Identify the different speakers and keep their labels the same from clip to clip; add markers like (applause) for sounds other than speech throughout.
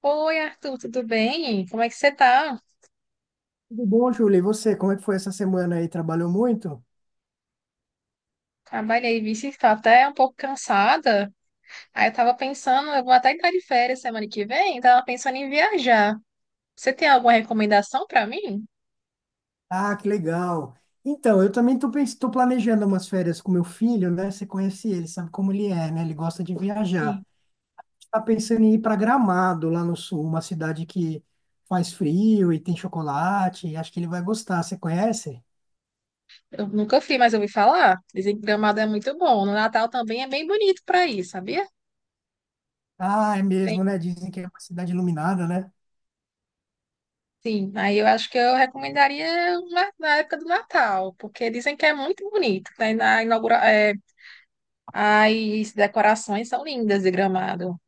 Speaker 1: Oi, Arthur, tudo bem? Como é que você tá?
Speaker 2: Tudo bom, Júlia? E você, como é que foi essa semana aí? Trabalhou muito?
Speaker 1: Trabalhei, vixe, estou até um pouco cansada. Aí eu tava pensando, eu vou até entrar de férias semana que vem, tava pensando em viajar. Você tem alguma recomendação pra mim?
Speaker 2: Ah, que legal. Então, eu também tô, tô planejando umas férias com meu filho, né? Você conhece ele, sabe como ele é, né? Ele gosta de
Speaker 1: Sim.
Speaker 2: viajar. Tá pensando em ir para Gramado, lá no sul, uma cidade que faz frio e tem chocolate. Acho que ele vai gostar. Você conhece?
Speaker 1: Eu nunca fui, mas eu ouvi falar. Dizem que Gramado é muito bom. No Natal também é bem bonito pra ir, sabia?
Speaker 2: Ah, é
Speaker 1: Tem.
Speaker 2: mesmo, né? Dizem que é uma cidade iluminada, né?
Speaker 1: Sim, aí eu acho que eu recomendaria na época do Natal, porque dizem que é muito bonito. Tem na inaugura, as decorações são lindas de Gramado.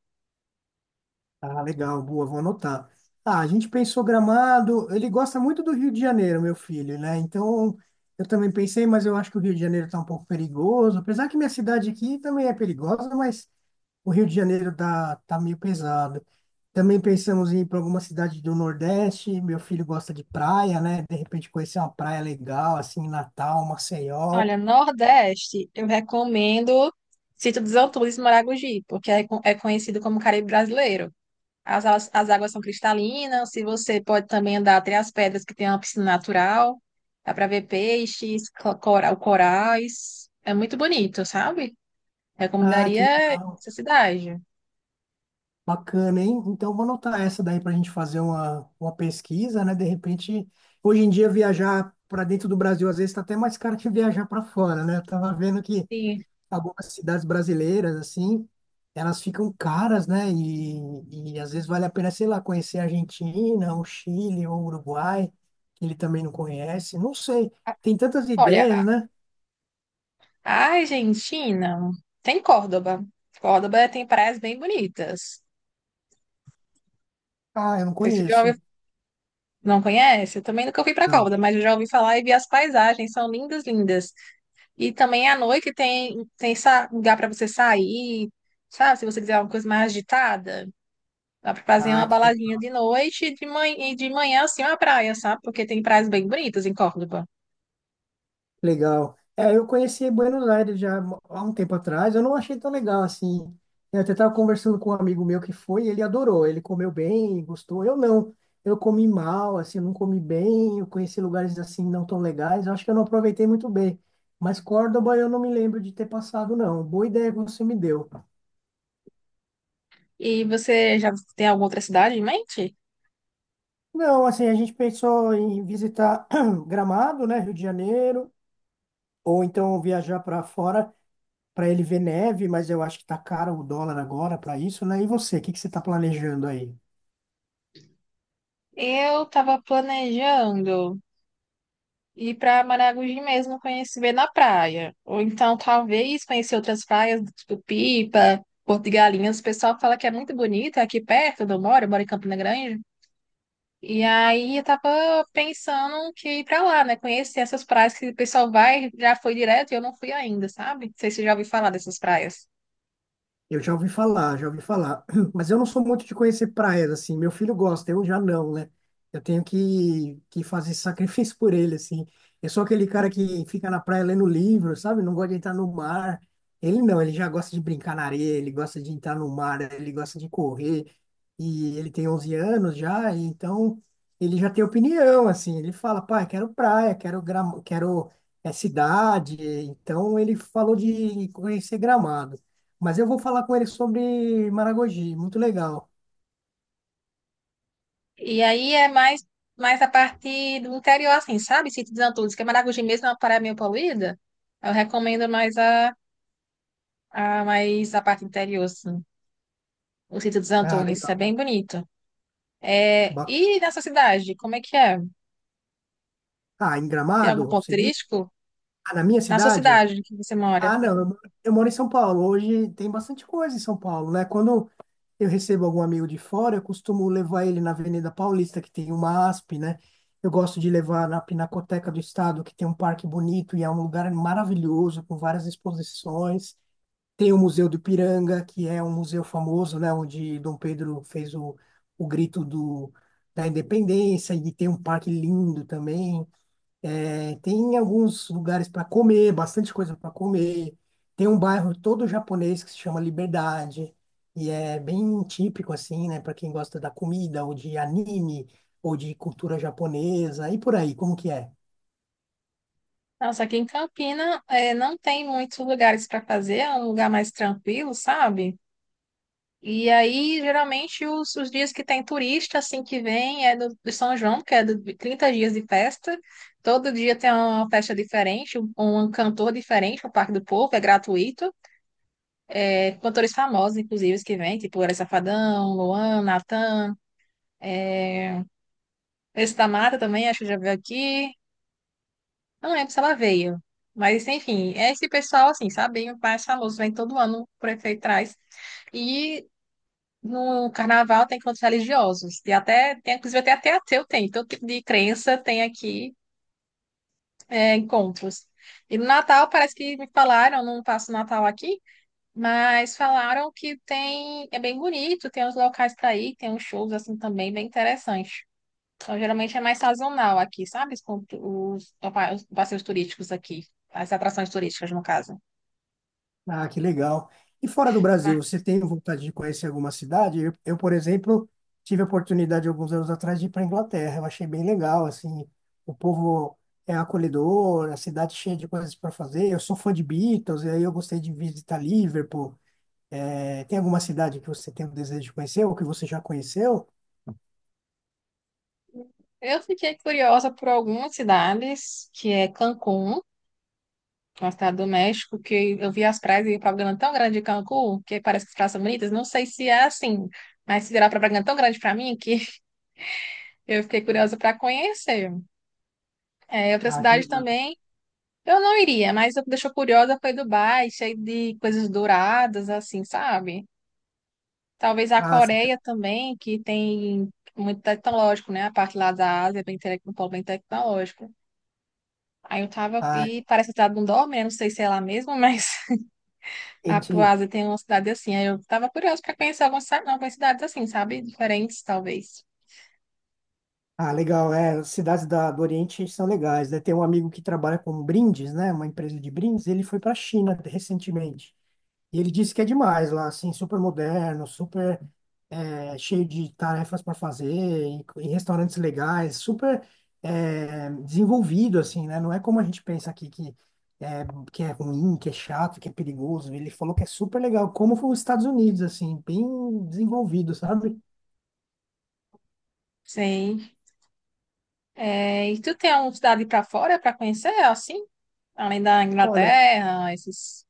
Speaker 2: Ah, legal, boa, vou anotar. Ah, a gente pensou Gramado, ele gosta muito do Rio de Janeiro, meu filho, né? Então, eu também pensei, mas eu acho que o Rio de Janeiro está um pouco perigoso, apesar que minha cidade aqui também é perigosa, mas o Rio de Janeiro tá meio pesado. Também pensamos em ir para alguma cidade do Nordeste, meu filho gosta de praia, né? De repente conhecer uma praia legal, assim, Natal, Maceió.
Speaker 1: Olha, Nordeste, eu recomendo Sítio dos Altures e Maragogi, porque é, é conhecido como Caribe brasileiro. As águas são cristalinas, se você pode também andar até as pedras que tem uma piscina natural, dá para ver peixes, corais, é muito bonito, sabe?
Speaker 2: Ah, que
Speaker 1: Recomendaria
Speaker 2: legal.
Speaker 1: essa cidade.
Speaker 2: Bacana, hein? Então, vou anotar essa daí para a gente fazer uma pesquisa, né? De repente, hoje em dia, viajar para dentro do Brasil às vezes está até mais caro que viajar para fora, né? Eu tava vendo que
Speaker 1: E,
Speaker 2: algumas cidades brasileiras, assim, elas ficam caras, né? E às vezes vale a pena, sei lá, conhecer a Argentina, o Chile, ou o Uruguai, que ele também não conhece. Não sei, tem tantas
Speaker 1: olha,
Speaker 2: ideias, né?
Speaker 1: a Argentina tem Córdoba. Córdoba tem praias bem bonitas.
Speaker 2: Ah, eu não
Speaker 1: Não sei se você já ouviu.
Speaker 2: conheço.
Speaker 1: Não conhece? Eu também nunca fui para
Speaker 2: Não.
Speaker 1: Córdoba, mas eu já ouvi falar e vi as paisagens, são lindas, lindas. E também à noite tem lugar para você sair, sabe? Se você quiser uma coisa mais agitada, dá para fazer
Speaker 2: Ah,
Speaker 1: uma
Speaker 2: que
Speaker 1: baladinha de noite e de manhã assim uma praia, sabe? Porque tem praias bem bonitas em Córdoba.
Speaker 2: legal. É, eu conheci Buenos Aires já há um tempo atrás, eu não achei tão legal assim. Eu até estava conversando com um amigo meu que foi, e ele adorou, ele comeu bem, gostou. Eu não, eu comi mal, assim, eu não comi bem, eu conheci lugares assim não tão legais, eu acho que eu não aproveitei muito bem. Mas Córdoba eu não me lembro de ter passado, não. Boa ideia que você me deu.
Speaker 1: E você já tem alguma outra cidade em mente?
Speaker 2: Não, assim, a gente pensou em visitar (clears throat) Gramado, né, Rio de Janeiro, ou então viajar para fora, para ele ver neve, mas eu acho que tá caro o dólar agora para isso, né? E você, o que que você está planejando aí?
Speaker 1: Eu estava planejando ir para Maragogi mesmo conhecer ver na praia. Ou então, talvez, conhecer outras praias, tipo Pipa, Porto de Galinhas. O pessoal fala que é muito bonita, é aqui perto onde eu moro em Campina Grande. E aí eu tava pensando que ir pra lá, né? Conhecer essas praias que o pessoal vai, já foi direto e eu não fui ainda, sabe? Não sei se você já ouviu falar dessas praias.
Speaker 2: Eu já ouvi falar, já ouvi falar. (clears throat) Mas eu não sou muito de conhecer praias, assim. Meu filho gosta, eu já não, né? Eu tenho que fazer sacrifício (laughs) por ele, assim. Eu sou aquele cara que fica na praia lendo livro, sabe? Não gosta de entrar no mar. Ele não, ele já gosta de brincar na areia, ele gosta de entrar no mar, ele gosta de correr. E ele tem 11 anos já, e então ele já tem opinião, assim. Ele fala, pai, quero praia, quero, quero cidade. Então ele falou de conhecer Gramado. Mas eu vou falar com ele sobre Maragogi. Muito legal.
Speaker 1: E aí é mais a parte do interior, assim, sabe? Sítio dos Antunes, que é Maragogi mesmo, é uma praia meio poluída. Eu recomendo mais a parte interior, assim. O Sítio dos
Speaker 2: Ah,
Speaker 1: Antunes, isso é
Speaker 2: legal.
Speaker 1: bem bonito. É,
Speaker 2: Ba-
Speaker 1: e na sua cidade, como é que é?
Speaker 2: Ah, em
Speaker 1: Tem algum
Speaker 2: Gramado,
Speaker 1: ponto
Speaker 2: você diz?
Speaker 1: turístico?
Speaker 2: Ah, na minha
Speaker 1: Na sua
Speaker 2: cidade?
Speaker 1: cidade que você mora?
Speaker 2: Ah, não. Eu, eu moro em São Paulo. Hoje tem bastante coisa em São Paulo, né? Quando eu recebo algum amigo de fora, eu costumo levar ele na Avenida Paulista, que tem uma ASP, né? Eu gosto de levar na Pinacoteca do Estado, que tem um parque bonito e é um lugar maravilhoso, com várias exposições. Tem o Museu do Ipiranga, que é um museu famoso, né, onde Dom Pedro fez o grito da independência, e tem um parque lindo também. É, tem alguns lugares para comer, bastante coisa para comer. Tem um bairro todo japonês que se chama Liberdade, e é bem típico, assim, né, para quem gosta da comida, ou de anime, ou de cultura japonesa, e por aí, como que é?
Speaker 1: Nossa, aqui em Campina, é, não tem muitos lugares para fazer, é um lugar mais tranquilo, sabe? E aí, geralmente, os dias que tem turista, assim, que vem, é do São João, que é do, de 30 dias de festa. Todo dia tem uma festa diferente, um cantor diferente, o Parque do Povo, é gratuito. É, cantores famosos, inclusive, os que vêm, tipo Orelha Safadão, Luan, Natan. Esse da Mata também, acho que já veio aqui. Eu não lembro se ela veio. Mas, enfim, é esse pessoal, assim, sabe? O mais famoso vem todo ano, o prefeito traz. E no carnaval tem encontros religiosos. E até, tem, inclusive, até ateu tem. Todo tipo de crença tem aqui, é, encontros. E no Natal, parece que me falaram, não passo Natal aqui, mas falaram que tem, é bem bonito, tem uns locais para ir, tem uns shows, assim, também bem interessantes. Então, geralmente é mais sazonal aqui, sabe? Os, con- os pa- os passeios turísticos aqui, as atrações turísticas, no caso.
Speaker 2: Ah, que legal. E fora do
Speaker 1: Mas
Speaker 2: Brasil, você tem vontade de conhecer alguma cidade? Eu, por exemplo, tive a oportunidade alguns anos atrás de ir para a Inglaterra. Eu achei bem legal, assim, o povo é acolhedor, a cidade cheia de coisas para fazer. Eu sou fã de Beatles, e aí eu gostei de visitar Liverpool. Eh, tem alguma cidade que você tem o desejo de conhecer ou que você já conheceu?
Speaker 1: eu fiquei curiosa por algumas cidades, que é Cancún, uma cidade do México, que eu vi as praias e propaganda tão grande de Cancún, que parece que as praias são bonitas. Não sei se é assim, mas se virar propaganda tão grande para mim que (laughs) eu fiquei curiosa para conhecer. É, outra
Speaker 2: Ah, que
Speaker 1: cidade
Speaker 2: legal.
Speaker 1: também. Eu não iria, mas o que deixou curiosa foi Dubai, cheio de coisas douradas, assim, sabe? Talvez a
Speaker 2: Ah, cida-
Speaker 1: Coreia também, que tem muito tecnológico, né? A parte lá da Ásia é bem, um polo bem tecnológico. Aí eu tava,
Speaker 2: ah,
Speaker 1: e parece a cidade do Dome, né? Não sei se é lá mesmo, mas (laughs) a pro
Speaker 2: gente,
Speaker 1: Ásia tem uma cidade assim. Aí eu tava curiosa para conhecer algumas cidades assim, sabe? Diferentes, talvez.
Speaker 2: ah, legal. É, as cidades do Oriente são legais, né? Tem um amigo que trabalha com brindes, né? Uma empresa de brindes. Ele foi para a China recentemente. E ele disse que é demais lá, assim, super moderno, super cheio de tarefas para fazer, em restaurantes legais, super desenvolvido, assim, né? Não é como a gente pensa aqui que é, que é ruim, que é chato, que é perigoso. Ele falou que é super legal, como foi os Estados Unidos, assim, bem desenvolvido, sabe?
Speaker 1: Sim. É, e tu tem alguma cidade para fora para conhecer, assim? Além da
Speaker 2: Olha,
Speaker 1: Inglaterra, esses.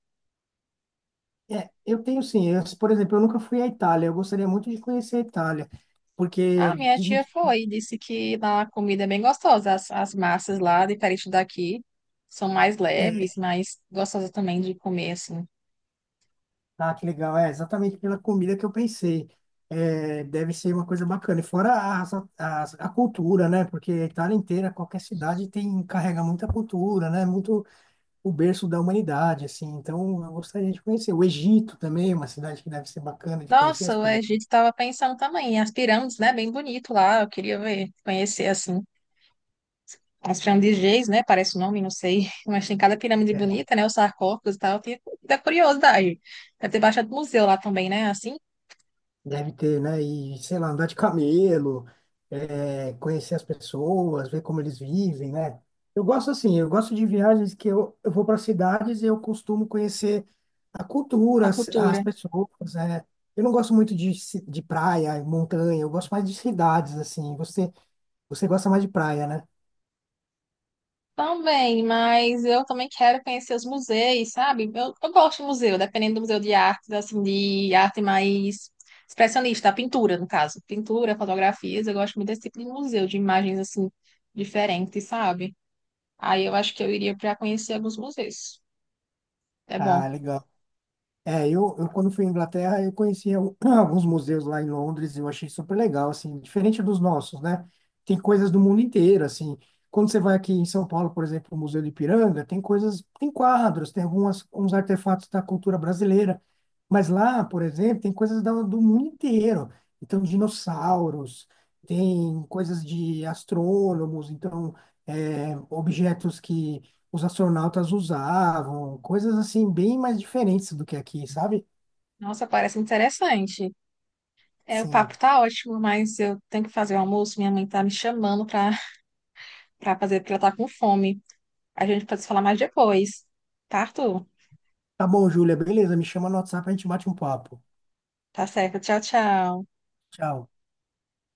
Speaker 2: é, eu tenho sim. Eu, por exemplo, eu nunca fui à Itália. Eu gostaria muito de conhecer a Itália,
Speaker 1: Ah,
Speaker 2: porque
Speaker 1: minha
Speaker 2: dizem
Speaker 1: tia
Speaker 2: que
Speaker 1: foi e disse que lá a comida é bem gostosa. As massas lá, diferente daqui, são mais
Speaker 2: é,
Speaker 1: leves, mas gostosas também de comer, assim.
Speaker 2: ah, que legal, é exatamente pela comida que eu pensei. É, deve ser uma coisa bacana. E fora a cultura, né? Porque a Itália inteira, qualquer cidade tem carrega muita cultura, né? Muito o berço da humanidade, assim. Então, eu gostaria de conhecer. O Egito também é uma cidade que deve ser bacana de conhecer
Speaker 1: Nossa,
Speaker 2: as
Speaker 1: o
Speaker 2: pirâmides.
Speaker 1: Egito estava pensando também. As pirâmides, né? Bem bonito lá. Eu queria ver, conhecer, assim. As pirâmides de Gizé, né? Parece o nome, não sei. (laughs) Mas tem cada pirâmide bonita, né? Os sarcófagos e tal. Eu tinha- Da curiosidade. Deve ter bastante museu lá também, né? Assim,
Speaker 2: Deve ter, né? E, sei lá, andar de camelo, é, conhecer as pessoas, ver como eles vivem, né? Eu gosto assim, eu gosto de viagens que eu vou para cidades e eu costumo conhecer a cultura,
Speaker 1: a
Speaker 2: as
Speaker 1: cultura.
Speaker 2: pessoas, né? Eu não gosto muito de, de praia, montanha, eu gosto mais de cidades, assim. Você gosta mais de praia, né?
Speaker 1: Também, mas eu também quero conhecer os museus, sabe? Eu gosto de museu, dependendo do museu de artes, assim, de arte mais expressionista, pintura, no caso. Pintura, fotografias, eu gosto muito desse tipo de museu, de imagens, assim, diferentes, sabe? Aí eu acho que eu iria para conhecer alguns museus. É
Speaker 2: Ah,
Speaker 1: bom.
Speaker 2: legal. É, eu quando fui à Inglaterra, eu conheci (clears throat) alguns museus lá em Londres e eu achei super legal, assim, diferente dos nossos, né? Tem coisas do mundo inteiro, assim. Quando você vai aqui em São Paulo, por exemplo, o Museu do Ipiranga, tem coisas, tem quadros, tem algumas, uns artefatos da cultura brasileira. Mas lá, por exemplo, tem coisas do mundo inteiro. Então, dinossauros, tem coisas de astrônomos, então, é, objetos que os astronautas usavam, coisas assim bem mais diferentes do que aqui, sabe?
Speaker 1: Nossa, parece interessante. É, o papo
Speaker 2: Sim.
Speaker 1: tá ótimo, mas eu tenho que fazer o almoço, minha mãe tá me chamando para fazer, porque ela tá com fome. A gente pode se falar mais depois, tá, Arthur?
Speaker 2: Tá bom, Júlia, beleza, me chama no WhatsApp, a gente bate um papo.
Speaker 1: Tá certo, tchau, tchau.
Speaker 2: Tchau.